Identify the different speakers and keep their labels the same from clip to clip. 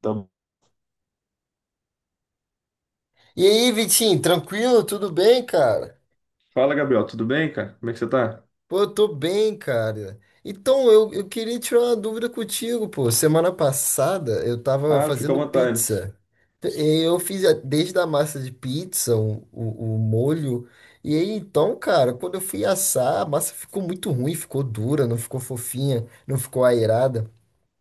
Speaker 1: Tá bom.
Speaker 2: E aí, Vitinho, tranquilo? Tudo bem, cara?
Speaker 1: Fala, Gabriel, tudo bem, cara? Como é que você tá?
Speaker 2: Pô, eu tô bem, cara. Então, eu queria tirar uma dúvida contigo, pô. Semana passada eu tava
Speaker 1: Ah, fica à
Speaker 2: fazendo
Speaker 1: vontade.
Speaker 2: pizza. Eu fiz desde a massa de pizza, o molho. E aí, então, cara, quando eu fui assar, a massa ficou muito ruim, ficou dura, não ficou fofinha, não ficou aerada.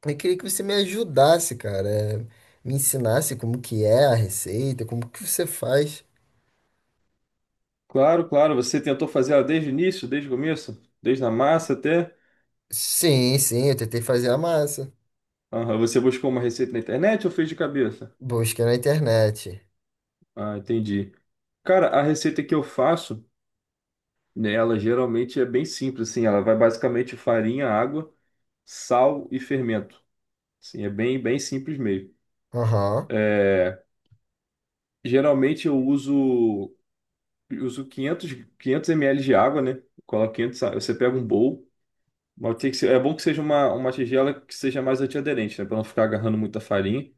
Speaker 2: Eu queria que você me ajudasse, cara. Me ensinasse como que é a receita, como que você faz.
Speaker 1: Claro, claro, você tentou fazer ela desde o início, desde o começo, desde a massa até.
Speaker 2: Sim, sim, eu tentei fazer a massa.
Speaker 1: Aham, você buscou uma receita na internet ou fez de cabeça?
Speaker 2: Busca na internet.
Speaker 1: Ah, entendi. Cara, a receita que eu faço, né, ela geralmente é bem simples, assim, ela vai basicamente farinha, água, sal e fermento. Assim, é bem, bem simples mesmo.
Speaker 2: Aham.
Speaker 1: É, geralmente eu uso 500 ml de água, né? Coloco 500. Você pega um bowl. Mas é bom que seja uma tigela que seja mais antiaderente, né? Para não ficar agarrando muita farinha.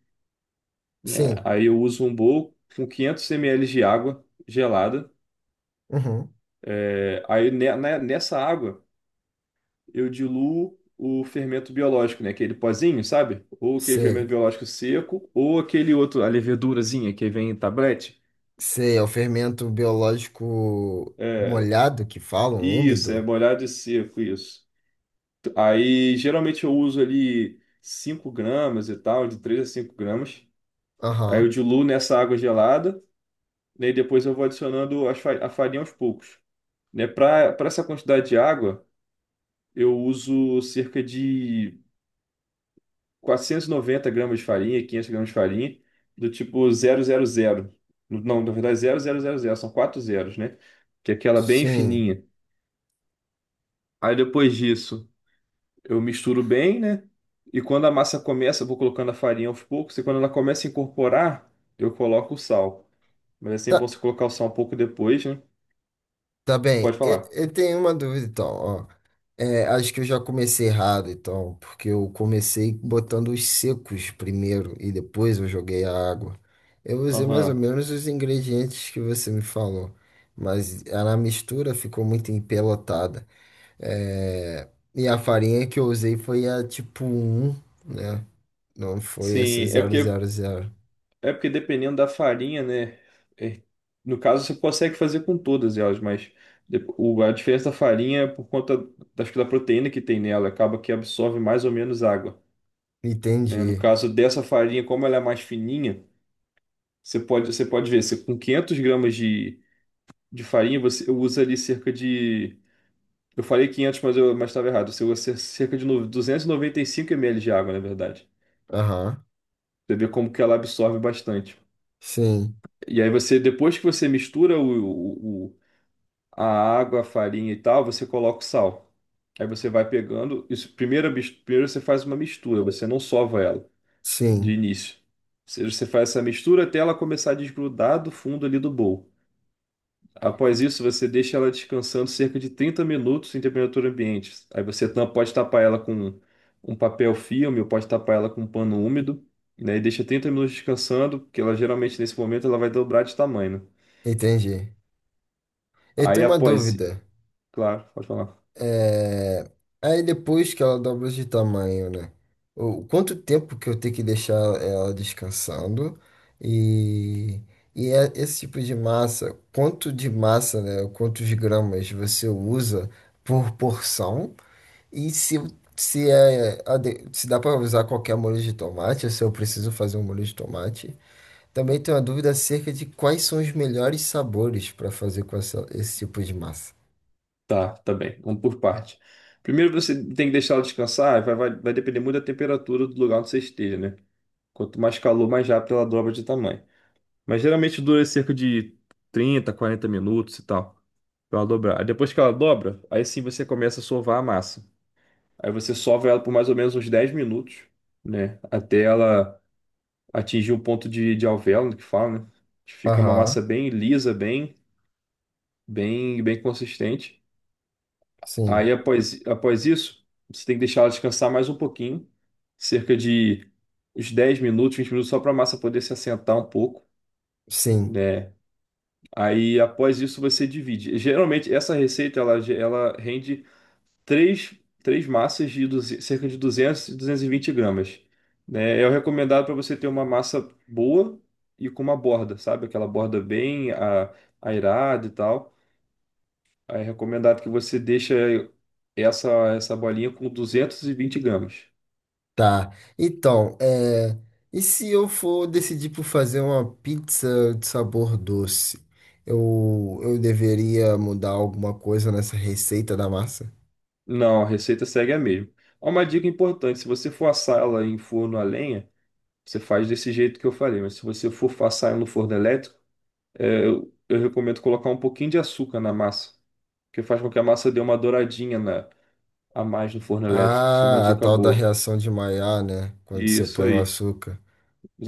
Speaker 1: É,
Speaker 2: Sim.
Speaker 1: aí eu uso um bowl com 500 ml de água gelada.
Speaker 2: Uhum.
Speaker 1: É, aí nessa água eu diluo o fermento biológico, né? Aquele pozinho, sabe? Ou aquele fermento
Speaker 2: Sei.
Speaker 1: biológico seco, ou aquele outro, a levedurazinha que vem em tablete.
Speaker 2: Sei, é o fermento biológico
Speaker 1: É,
Speaker 2: molhado que falam,
Speaker 1: isso, é
Speaker 2: úmido.
Speaker 1: molhado e seco, isso. Aí geralmente eu uso ali 5 gramas e tal, de 3 a 5 gramas. Aí eu
Speaker 2: Aham.
Speaker 1: diluo nessa água gelada, né? E depois eu vou adicionando a farinha aos poucos, né? Para essa quantidade de água, eu uso cerca de 490 gramas de farinha, 500 gramas de farinha, do tipo zero zero zero. Não, na verdade, zero zero zero zero, são quatro zeros, né? Que é aquela bem
Speaker 2: Sim.
Speaker 1: fininha. Aí depois disso, eu misturo bem, né? E quando a massa começa, eu vou colocando a farinha aos poucos, e quando ela começa a incorporar, eu coloco o sal. Mas é sempre bom
Speaker 2: Ta-
Speaker 1: você colocar o sal um pouco depois, né?
Speaker 2: Tá bem,
Speaker 1: Pode
Speaker 2: eu,
Speaker 1: falar.
Speaker 2: eu tenho uma dúvida então, ó. É, acho que eu já comecei errado então, porque eu comecei botando os secos primeiro e depois eu joguei a água. Eu usei mais ou
Speaker 1: Aham.
Speaker 2: menos os ingredientes que você me falou, mas a mistura ficou muito empelotada. É, e a farinha que eu usei foi a tipo um, né? Não foi essa
Speaker 1: Sim, é
Speaker 2: zero
Speaker 1: porque
Speaker 2: zero zero
Speaker 1: É porque dependendo da farinha, né? é- no caso, você consegue fazer com todas elas, mas a diferença da farinha é por conta da, acho que da proteína que tem nela, acaba que absorve mais ou menos água. Né? No
Speaker 2: Entendi.
Speaker 1: caso dessa farinha, como ela é mais fininha, você pode ver, você, com 500 gramas de farinha, você usa ali cerca de. Eu falei 500, mas eu mas estava errado. Você usa cerca de 295 ml de água, na verdade.
Speaker 2: Aham.
Speaker 1: Você vê como que ela absorve bastante.
Speaker 2: Sim,
Speaker 1: E aí você, depois que você mistura a água, a farinha e tal, você coloca o sal. Aí você vai pegando. Isso, primeiro você faz uma mistura, você não sova ela de
Speaker 2: sim,
Speaker 1: início. Ou seja, você faz essa mistura até ela começar a desgrudar do fundo ali do bowl. Após isso, você deixa ela descansando cerca de 30 minutos em temperatura ambiente. Aí você pode tapar ela com um papel filme ou pode tapar ela com um pano úmido, né? E deixa 30 minutos descansando, porque ela geralmente nesse momento ela vai dobrar de tamanho, né?
Speaker 2: entendi. Eu
Speaker 1: Aí
Speaker 2: tenho uma
Speaker 1: após.
Speaker 2: dúvida.
Speaker 1: Claro, pode falar.
Speaker 2: É... Aí depois que ela dobra de tamanho, né? O quanto tempo que eu tenho que deixar ela descansando? E, e é esse tipo de massa, quanto de massa, né? Quantos gramas você usa por porção? E se, se dá para usar qualquer molho de tomate, ou se eu preciso fazer um molho de tomate. Também tenho uma dúvida acerca de quais são os melhores sabores para fazer com esse tipo de massa.
Speaker 1: Tá, tá bem. Vamos por parte. Primeiro você tem que deixar ela descansar, vai depender muito da temperatura do lugar onde você esteja, né? Quanto mais calor, mais rápido ela dobra de tamanho. Mas geralmente dura cerca de 30 a 40 minutos e tal, pra ela dobrar. Aí depois que ela dobra, aí sim você começa a sovar a massa. Aí você sova ela por mais ou menos uns 10 minutos, né? Até ela atingir um ponto de alvéolo, que fala, né? Que fica uma
Speaker 2: Aham,
Speaker 1: massa bem lisa, bem, bem, bem consistente. Aí,
Speaker 2: sim,
Speaker 1: após isso, você tem que deixar ela descansar mais um pouquinho, cerca de uns 10 minutos, 20 minutos, só para a massa poder se assentar um pouco,
Speaker 2: sim.
Speaker 1: né? Aí, após isso, você divide. Geralmente, essa receita, ela, ela rende três, três massas de cerca de 200 e 220 gramas, né? É o recomendado para você ter uma massa boa e com uma borda, sabe? Aquela borda bem airada e tal. Aí, é recomendado que você deixe essa, essa bolinha com 220 gramas.
Speaker 2: Tá. Então, e se eu for decidir por fazer uma pizza de sabor doce? Eu deveria mudar alguma coisa nessa receita da massa?
Speaker 1: Não, a receita segue a mesma. Há uma dica importante: se você for assar ela em forno a lenha, você faz desse jeito que eu falei, mas se você for assar ela no forno elétrico, é, eu recomendo colocar um pouquinho de açúcar na massa, que faz com que a massa dê uma douradinha na, a mais no forno elétrico. Isso é uma
Speaker 2: Ah, a
Speaker 1: dica
Speaker 2: tal da
Speaker 1: boa.
Speaker 2: reação de Maillard, né? Quando você
Speaker 1: Isso
Speaker 2: põe o
Speaker 1: aí,
Speaker 2: açúcar.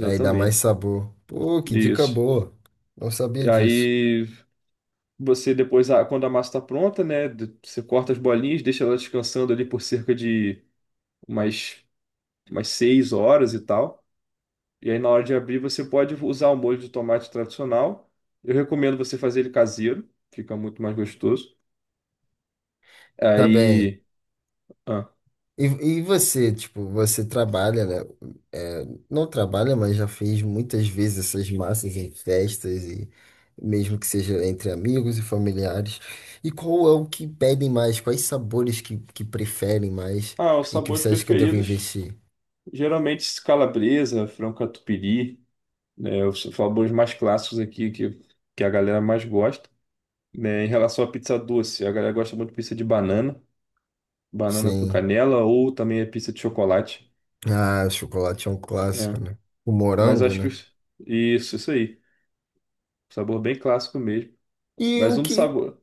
Speaker 2: Aí dá mais sabor. Pô, que dica
Speaker 1: Isso.
Speaker 2: boa. Não sabia
Speaker 1: E
Speaker 2: disso.
Speaker 1: aí você depois, ah, quando a massa está pronta, né, você corta as bolinhas, deixa ela descansando ali por cerca de umas umas 6 horas e tal. E aí, na hora de abrir, você pode usar o molho de tomate tradicional. Eu recomendo você fazer ele caseiro, fica muito mais gostoso.
Speaker 2: Tá bem.
Speaker 1: Aí. Ah,
Speaker 2: E, e você, tipo, você trabalha, né? É, não trabalha, mas já fez muitas vezes essas massas em festas e mesmo que seja entre amigos e familiares. E qual é o que pedem mais? Quais sabores que preferem mais
Speaker 1: os
Speaker 2: e que
Speaker 1: sabores
Speaker 2: você acha que eu devo
Speaker 1: preferidos:
Speaker 2: investir?
Speaker 1: geralmente calabresa, frango catupiry, né? Os sabores mais clássicos aqui que a galera mais gosta. Né? Em relação à pizza doce, a galera gosta muito de pizza de banana, banana com
Speaker 2: Sim.
Speaker 1: canela, ou também a pizza de chocolate.
Speaker 2: Ah, chocolate é um clássico,
Speaker 1: Né?
Speaker 2: né? O
Speaker 1: Mas
Speaker 2: morango,
Speaker 1: acho que.
Speaker 2: né?
Speaker 1: Isso, isso aí. Sabor bem clássico mesmo.
Speaker 2: E
Speaker 1: Mas
Speaker 2: o
Speaker 1: um dos
Speaker 2: que,
Speaker 1: sabores.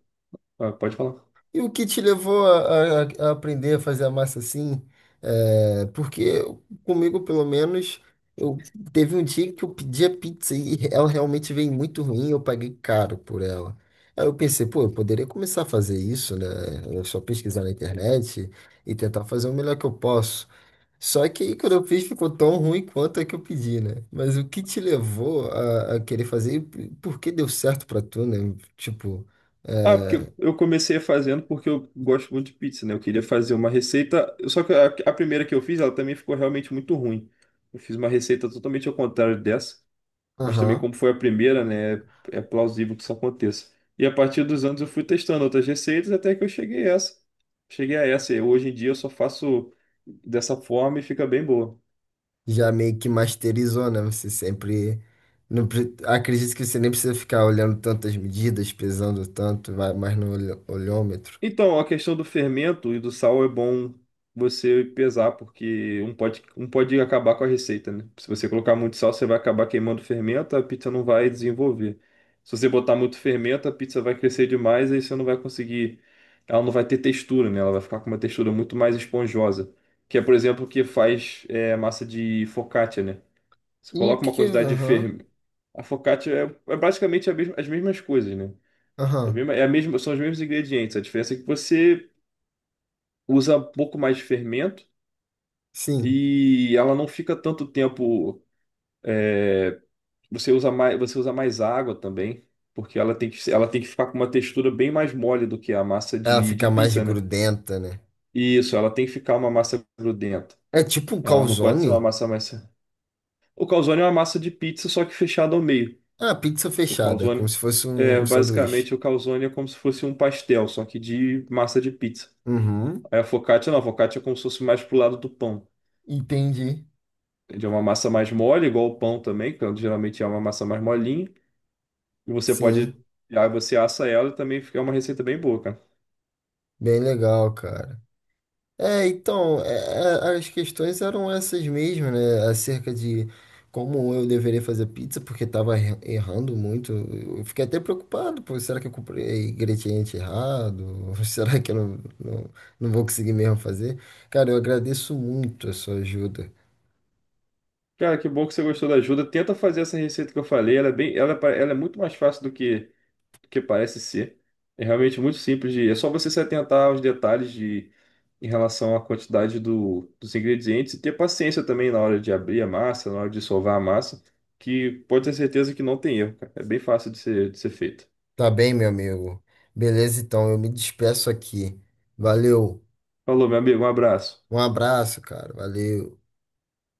Speaker 1: Ah, pode falar.
Speaker 2: E o que te levou a, a aprender a fazer a massa assim? É, porque comigo, pelo menos, eu teve um dia que eu pedi a pizza e ela realmente veio muito ruim, e eu paguei caro por ela. Aí eu pensei, pô, eu poderia começar a fazer isso, né? É só pesquisar na internet e tentar fazer o melhor que eu posso. Só que aí quando eu fiz ficou tão ruim quanto é que eu pedi, né? Mas o que te levou a querer fazer e por que deu certo pra tu, né? Tipo,
Speaker 1: Ah, porque eu comecei fazendo porque eu gosto muito de pizza, né? Eu queria fazer uma receita. Só que a primeira que eu fiz, ela também ficou realmente muito ruim. Eu fiz uma receita totalmente ao contrário dessa. Mas também,
Speaker 2: aham,
Speaker 1: como foi a primeira, né? É plausível que isso aconteça. E a partir dos anos eu fui testando outras receitas até que eu cheguei a essa. Cheguei a essa. E hoje em dia eu só faço dessa forma e fica bem boa.
Speaker 2: já meio que masterizou, né? Você sempre. Não, acredito que você nem precisa ficar olhando tantas medidas, pesando tanto, vai mais no olhômetro.
Speaker 1: Então, a questão do fermento e do sal é bom você pesar, porque um pode acabar com a receita, né? Se você colocar muito sal, você vai acabar queimando o fermento, a pizza não vai desenvolver. Se você botar muito fermento, a pizza vai crescer demais, aí você não vai conseguir. Ela não vai ter textura, né? Ela vai ficar com uma textura muito mais esponjosa. Que é, por exemplo, o que faz é, massa de focaccia, né? Você
Speaker 2: E o
Speaker 1: coloca uma
Speaker 2: que é?
Speaker 1: quantidade de
Speaker 2: Aham,
Speaker 1: fermento. A focaccia é basicamente as mesmas coisas, né?
Speaker 2: aham,
Speaker 1: É a mesma, são os mesmos ingredientes. A diferença é que você usa um pouco mais de fermento
Speaker 2: sim.
Speaker 1: e ela não fica tanto tempo. É, você usa mais, água também, porque ela tem que, ela tem que ficar com uma textura bem mais mole do que a massa
Speaker 2: Ela
Speaker 1: de
Speaker 2: fica mais
Speaker 1: pizza, né?
Speaker 2: grudenta, né?
Speaker 1: Isso, ela tem que ficar uma massa grudenta.
Speaker 2: É tipo um
Speaker 1: Ela não pode ser uma
Speaker 2: calzone?
Speaker 1: massa mais. O calzone é uma massa de pizza, só que fechada ao meio.
Speaker 2: Ah, pizza
Speaker 1: O
Speaker 2: fechada, como
Speaker 1: calzone.
Speaker 2: se fosse um,
Speaker 1: É,
Speaker 2: um sanduíche.
Speaker 1: basicamente, o calzone é como se fosse um pastel, só que de massa de pizza.
Speaker 2: Uhum,
Speaker 1: Aí a focaccia não, a focaccia é como se fosse mais pro lado do pão.
Speaker 2: entendi.
Speaker 1: De uma massa mais mole, igual o pão também, que geralmente é uma massa mais molinha. E você pode,
Speaker 2: Sim,
Speaker 1: aí você assa ela e também fica uma receita bem boa, cara.
Speaker 2: bem legal, cara. É, então, as questões eram essas mesmo, né? Acerca de como eu deveria fazer pizza, porque estava errando muito. Eu fiquei até preocupado, pô, será que eu comprei ingrediente errado? Será que eu não vou conseguir mesmo fazer? Cara, eu agradeço muito a sua ajuda.
Speaker 1: Cara, que bom que você gostou da ajuda. Tenta fazer essa receita que eu falei. Ela é bem, ela, ela é muito mais fácil do que parece ser. É realmente muito simples de, é só você se atentar aos detalhes de, em relação à quantidade do, dos ingredientes e ter paciência também na hora de abrir a massa, na hora de sovar a massa, que pode ter certeza que não tem erro, cara. É bem fácil de ser feito.
Speaker 2: Tá bem, meu amigo? Beleza, então, eu me despeço aqui. Valeu.
Speaker 1: Falou, meu amigo, um abraço.
Speaker 2: Um abraço, cara. Valeu.